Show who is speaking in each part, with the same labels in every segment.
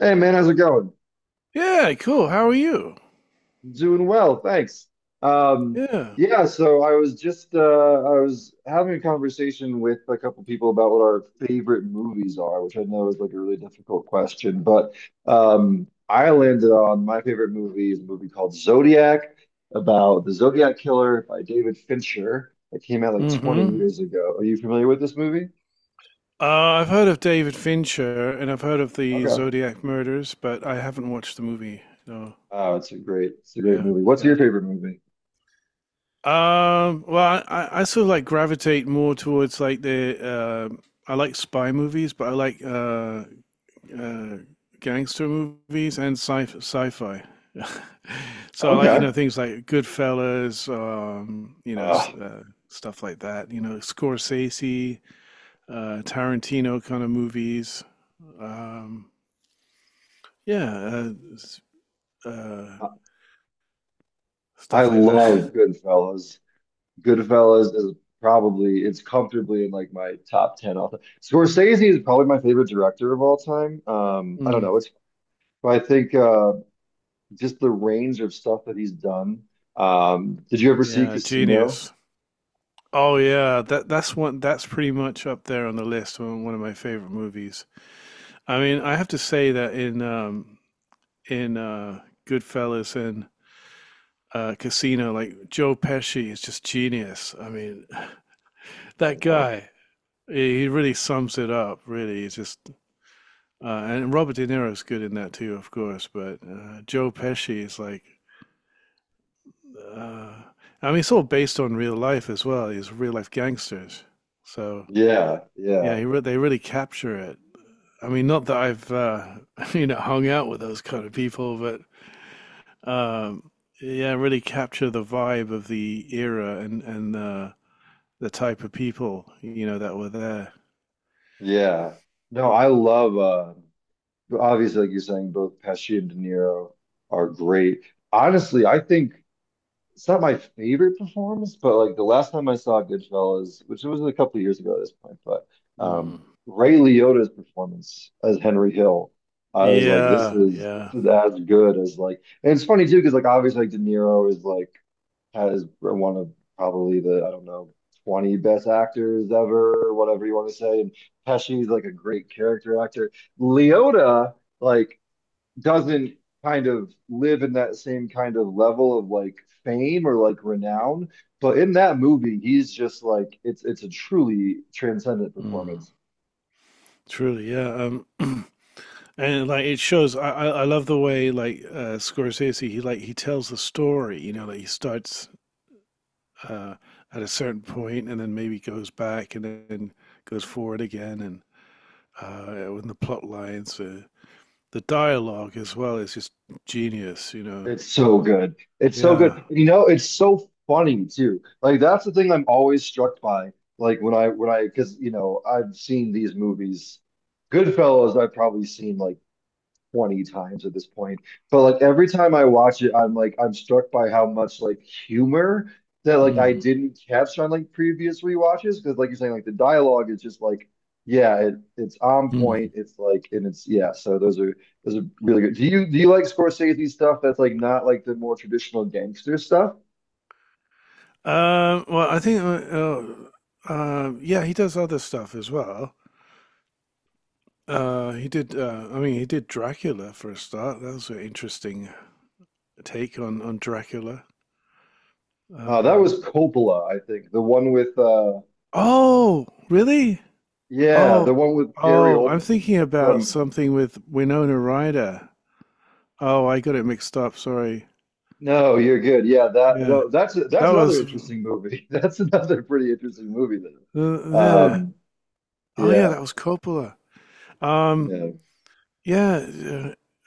Speaker 1: Hey man, how's it going?
Speaker 2: Yeah, cool. How are you?
Speaker 1: Doing well, thanks. Um,
Speaker 2: Yeah.
Speaker 1: yeah, so I was just I was having a conversation with a couple people about what our favorite movies are, which I know is like a really difficult question, but I landed on my favorite movie is a movie called Zodiac about the Zodiac Killer by David Fincher that came out like 20
Speaker 2: Mm-hmm.
Speaker 1: years ago. Are you familiar with this movie?
Speaker 2: I've heard of David Fincher and I've heard of the
Speaker 1: Okay.
Speaker 2: Zodiac murders, but I haven't watched the movie. No.
Speaker 1: Oh, it's a great
Speaker 2: Yeah.
Speaker 1: movie. What's your
Speaker 2: Yeah.
Speaker 1: favorite movie?
Speaker 2: Well, I sort of like gravitate more towards like the I like spy movies, but I like uh, gangster movies and sci-fi. So I like
Speaker 1: Okay.
Speaker 2: things like Goodfellas,
Speaker 1: Ugh.
Speaker 2: stuff like that. You know Scorsese. Tarantino kind of movies. Um, yeah, uh, uh,
Speaker 1: I
Speaker 2: stuff like that.
Speaker 1: love Goodfellas. Goodfellas is probably it's comfortably in like my top ten all time. Scorsese is probably my favorite director of all time. I don't
Speaker 2: Mm,
Speaker 1: know. It's I think just the range of stuff that he's done. Did you ever see
Speaker 2: yeah,
Speaker 1: Casino?
Speaker 2: genius. Oh yeah, that's one. That's pretty much up there on the list. One of my favorite movies. I mean, I have to say that in Goodfellas and Casino, like Joe Pesci is just genius. I mean,
Speaker 1: I
Speaker 2: that
Speaker 1: don't know.
Speaker 2: guy. He really sums it up. Really, he's just and Robert De Niro's good in that too, of course. But Joe Pesci is like, uh, I mean, it's all based on real life as well. He's real life gangsters, so
Speaker 1: Yeah,
Speaker 2: yeah,
Speaker 1: yeah,
Speaker 2: they really capture it. I mean, not that I've you know hung out with those kind of people, but um, yeah, really capture the vibe of the era and the type of people you know that were there.
Speaker 1: yeah. No, I love obviously like you're saying, both Pesci and De Niro are great. Honestly, I think it's not my favorite performance, but like the last time I saw Goodfellas, which was a couple of years ago at this point, but um,
Speaker 2: Mm.
Speaker 1: Ray Liotta's performance as Henry Hill, I was like,
Speaker 2: Yeah,
Speaker 1: this
Speaker 2: yeah,
Speaker 1: is as good as like, and it's funny too because like obviously like De Niro is like has one of probably the I don't know. 20 best actors ever, or whatever you want to say. And Pesci's like a great character actor. Liotta like doesn't kind of live in that same kind of level of like fame or like renown. But in that movie, he's just like it's a truly transcendent
Speaker 2: mm,
Speaker 1: performance.
Speaker 2: truly, yeah. Um, And like it shows, I love the way like Scorsese, he tells the story. You know, like he starts uh, at a certain point and then maybe goes back and then goes forward again, and with the plot lines, the dialogue as well is just genius. You know,
Speaker 1: It's so good. It's so good.
Speaker 2: yeah.
Speaker 1: You know, it's so funny too. Like that's the thing I'm always struck by. Like when I because you know I've seen these movies. Goodfellas, I've probably seen like 20 times at this point. But like every time I watch it, I'm struck by how much like humor that like I
Speaker 2: Mm.
Speaker 1: didn't catch on like previous rewatches because like you're saying like the dialogue is just like it's on point
Speaker 2: Mm.
Speaker 1: it's like and it's yeah so those are really good. Do you like Scorsese stuff that's like not like the more traditional gangster stuff?
Speaker 2: Well, I think yeah, he does other stuff as well. He did. I mean, he did Dracula for a start. That was an interesting take on Dracula.
Speaker 1: That
Speaker 2: Um,
Speaker 1: was Coppola, I think. The one with
Speaker 2: oh, really?
Speaker 1: yeah,
Speaker 2: Oh,
Speaker 1: the one with Gary
Speaker 2: oh,
Speaker 1: Oldman
Speaker 2: I'm thinking about
Speaker 1: from.
Speaker 2: something with Winona Ryder. Oh, I got it mixed up. Sorry.
Speaker 1: No, you're good. Yeah, that
Speaker 2: Yeah,
Speaker 1: no,
Speaker 2: that
Speaker 1: that's another
Speaker 2: was
Speaker 1: interesting movie. That's another pretty interesting movie though.
Speaker 2: yeah.
Speaker 1: Um,
Speaker 2: Oh, yeah,
Speaker 1: yeah,
Speaker 2: that was Coppola. Um,
Speaker 1: yeah,
Speaker 2: yeah,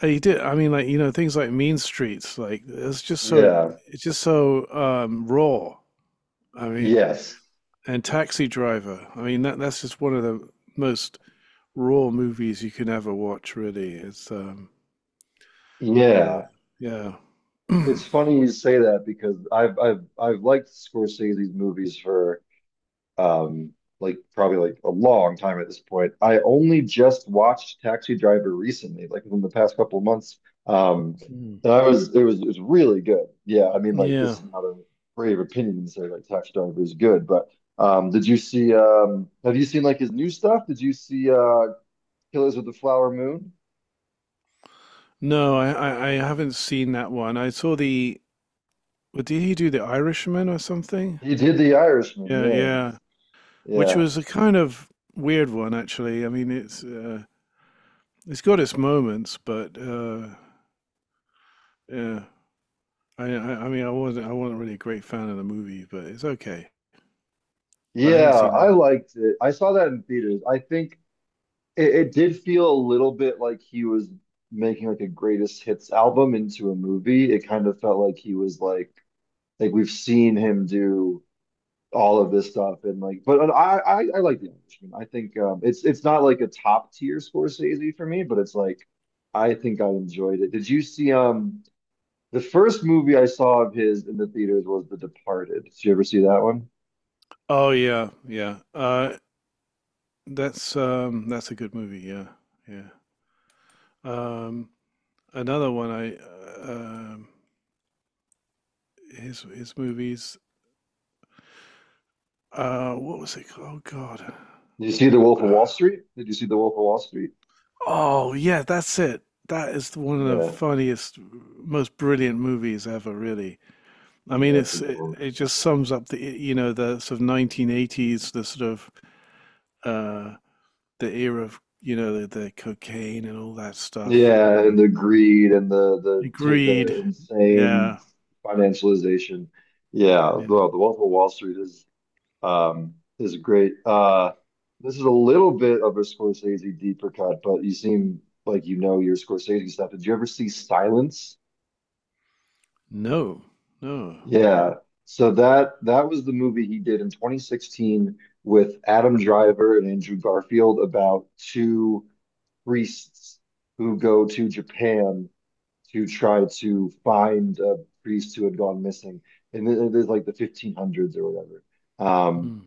Speaker 2: uh, he did. I mean, like you know, things like Mean Streets, like
Speaker 1: yeah,
Speaker 2: it's just so raw. I mean,
Speaker 1: yes,
Speaker 2: and Taxi Driver. I mean, that's just one of the most raw movies you can ever watch. Really, it's you know,
Speaker 1: yeah.
Speaker 2: yeah,
Speaker 1: It's funny you say that because I've liked Scorsese's movies for um, like probably like a long time at this point. I only just watched Taxi Driver recently, like within the past couple of months. Um,
Speaker 2: Mm.
Speaker 1: and I was it was it was really good. Yeah, I mean like this
Speaker 2: Yeah.
Speaker 1: is not a brave opinion to say like Taxi Driver is good, but did you see have you seen like his new stuff? Did you see Killers of the Flower Moon?
Speaker 2: No, I haven't seen that one. I saw the. What did he do? The Irishman or something?
Speaker 1: He did The Irishman.
Speaker 2: Yeah,
Speaker 1: Yeah,
Speaker 2: yeah. Which
Speaker 1: yeah,
Speaker 2: was a kind of weird one, actually. I mean, it's got its moments, but yeah. I mean, I wasn't really a great fan of the movie, but it's okay. But I haven't
Speaker 1: yeah.
Speaker 2: seen the.
Speaker 1: I
Speaker 2: Other-
Speaker 1: liked it. I saw that in theaters. I think it, it did feel a little bit like he was making like a greatest hits album into a movie. It kind of felt like he was like we've seen him do all of this stuff and like but I like The Irishman. I think it's not like a top tier Scorsese for me, but it's like I think I enjoyed it. Did you see the first movie I saw of his in the theaters was The Departed. Did you ever see that one?
Speaker 2: Oh yeah, yeah. That's that's a good movie. Yeah, yeah. Um, Another one I his movies. What was it called? Oh God. Uh,
Speaker 1: Did you see The Wolf of Wall Street?
Speaker 2: Oh yeah, that's it. That is one of the
Speaker 1: Yeah,
Speaker 2: funniest, most brilliant movies ever. Really, I
Speaker 1: yeah,
Speaker 2: mean,
Speaker 1: that's a
Speaker 2: it's
Speaker 1: good
Speaker 2: it,
Speaker 1: one.
Speaker 2: it just sums up the you know the sort of 1980s, the sort of uh the era of you know the cocaine and all that stuff
Speaker 1: Yeah, and
Speaker 2: and
Speaker 1: the greed and the
Speaker 2: the
Speaker 1: the ta-
Speaker 2: greed.
Speaker 1: the insane
Speaker 2: Yeah,
Speaker 1: financialization. Yeah,
Speaker 2: yeah.
Speaker 1: well, the Wolf of Wall Street is great. This is a little bit of a Scorsese deeper cut, but you seem like you know your Scorsese stuff. Did you ever see Silence?
Speaker 2: No, no.
Speaker 1: Yeah. So that that was the movie he did in 2016 with Adam Driver and Andrew Garfield about two priests who go to Japan to try to find a priest who had gone missing. And it is like the 1500s or whatever. Um,
Speaker 2: Hmm.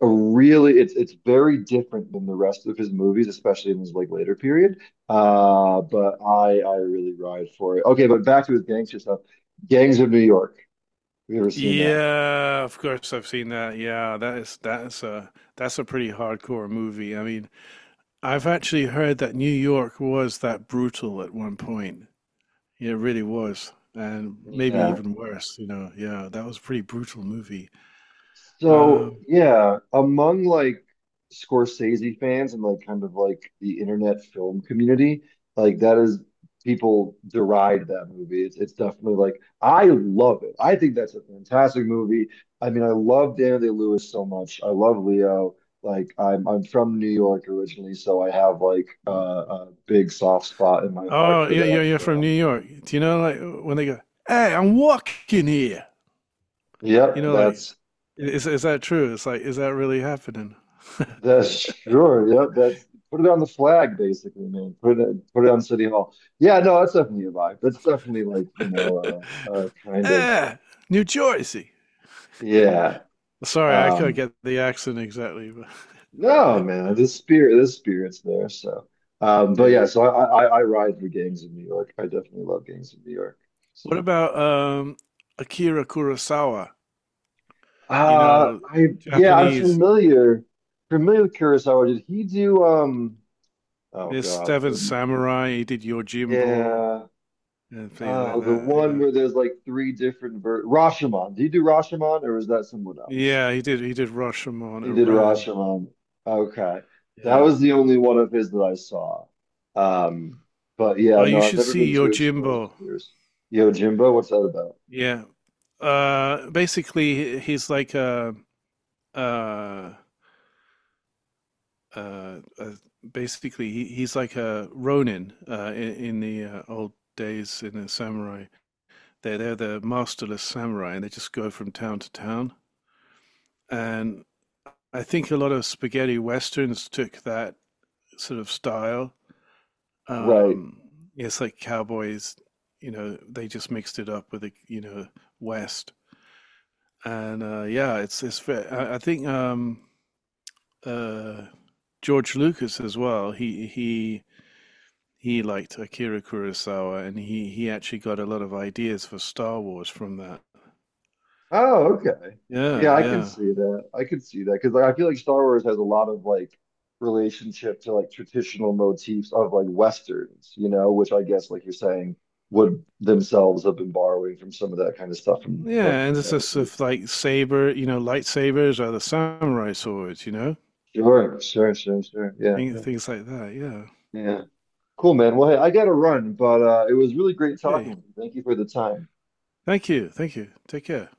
Speaker 1: a really, it's very different than the rest of his movies, especially in his like later period. But I really ride for it. Okay, but back to his gangster stuff. Gangs of New York. Have you ever seen that?
Speaker 2: Yeah, of course I've seen that. Yeah, that's a pretty hardcore movie. I mean, I've actually heard that New York was that brutal at one point. Yeah, it really was, and maybe
Speaker 1: Yeah.
Speaker 2: even worse. You know, yeah, that was a pretty brutal movie.
Speaker 1: So
Speaker 2: Um,
Speaker 1: yeah, among like Scorsese fans and like kind of like the internet film community, like that is people deride that movie. It's definitely like I love it. I think that's a fantastic movie. I mean, I love Daniel Day-Lewis so much. I love Leo. Like I'm from New York originally, so I have like a big soft spot in my heart
Speaker 2: oh,
Speaker 1: for
Speaker 2: yeah, you're
Speaker 1: that.
Speaker 2: you're from
Speaker 1: So
Speaker 2: New York. Do you know like when they go, "Hey, I'm walking here," you
Speaker 1: yep,
Speaker 2: know, like is that true? It's like, is that really happening?
Speaker 1: that's sure. Yep. That's put it on the flag, basically, man. Put it on City Hall. Yeah, no, that's definitely a vibe. That's definitely like, you know, kind of
Speaker 2: Eh, New Jersey.
Speaker 1: yeah.
Speaker 2: Sorry, I couldn't
Speaker 1: Um
Speaker 2: get the accent exactly, but
Speaker 1: no, man, the spirit's there. So but
Speaker 2: yeah.
Speaker 1: yeah, so I ride for gangs in New York. I definitely love gangs in New York.
Speaker 2: What
Speaker 1: So
Speaker 2: about Akira Kurosawa? You know,
Speaker 1: I yeah, I'm
Speaker 2: Japanese.
Speaker 1: familiar familiar with Kurosawa. Did he do um oh
Speaker 2: There's
Speaker 1: God.
Speaker 2: Seven Samurai. He did Yojimbo
Speaker 1: Yeah.
Speaker 2: and things like
Speaker 1: Oh, the one
Speaker 2: that.
Speaker 1: where there's like three different ver Rashomon. Did you do Rashomon or was that someone else?
Speaker 2: Yeah, yeah. He did. He did Rashomon,
Speaker 1: He did
Speaker 2: Iran.
Speaker 1: Rashomon. Okay. That
Speaker 2: Yeah.
Speaker 1: was the only one of his that I saw. Um, but yeah,
Speaker 2: Oh, you
Speaker 1: no, I've
Speaker 2: should
Speaker 1: never
Speaker 2: see
Speaker 1: been too exposed to
Speaker 2: Yojimbo.
Speaker 1: yours. Yo, Jimbo, what's that about?
Speaker 2: Yeah. Basically, he's like a uh, uh, uh, basically he's like a ronin in the old days in the samurai. They're the masterless samurai, and they just go from town to town. And I think a lot of spaghetti westerns took that sort of style.
Speaker 1: Right.
Speaker 2: Um, it's like cowboys, you know, they just mixed it up with the you know west. And yeah, it's it's. Ve- I think uh, George Lucas as well. He liked Akira Kurosawa, and he actually got a lot of ideas for Star Wars from that.
Speaker 1: Oh, okay.
Speaker 2: Yeah,
Speaker 1: Yeah, I can
Speaker 2: yeah,
Speaker 1: see that. I can see that because like, I feel like Star Wars has a lot of like relationship to like traditional motifs of like Westerns, you know, which I guess like you're saying would themselves have been borrowing from some of that kind of stuff from
Speaker 2: yeah. And it's just sort
Speaker 1: Japanese.
Speaker 2: of like saber, you know, lightsabers are the samurai swords, you know,
Speaker 1: Sure. Yeah,
Speaker 2: things like that. Yeah.
Speaker 1: yeah. Cool, man. Well, hey, I gotta run, but it was really great
Speaker 2: Okay.
Speaker 1: talking with you. Thank you for the time.
Speaker 2: Thank you. Thank you. Take care.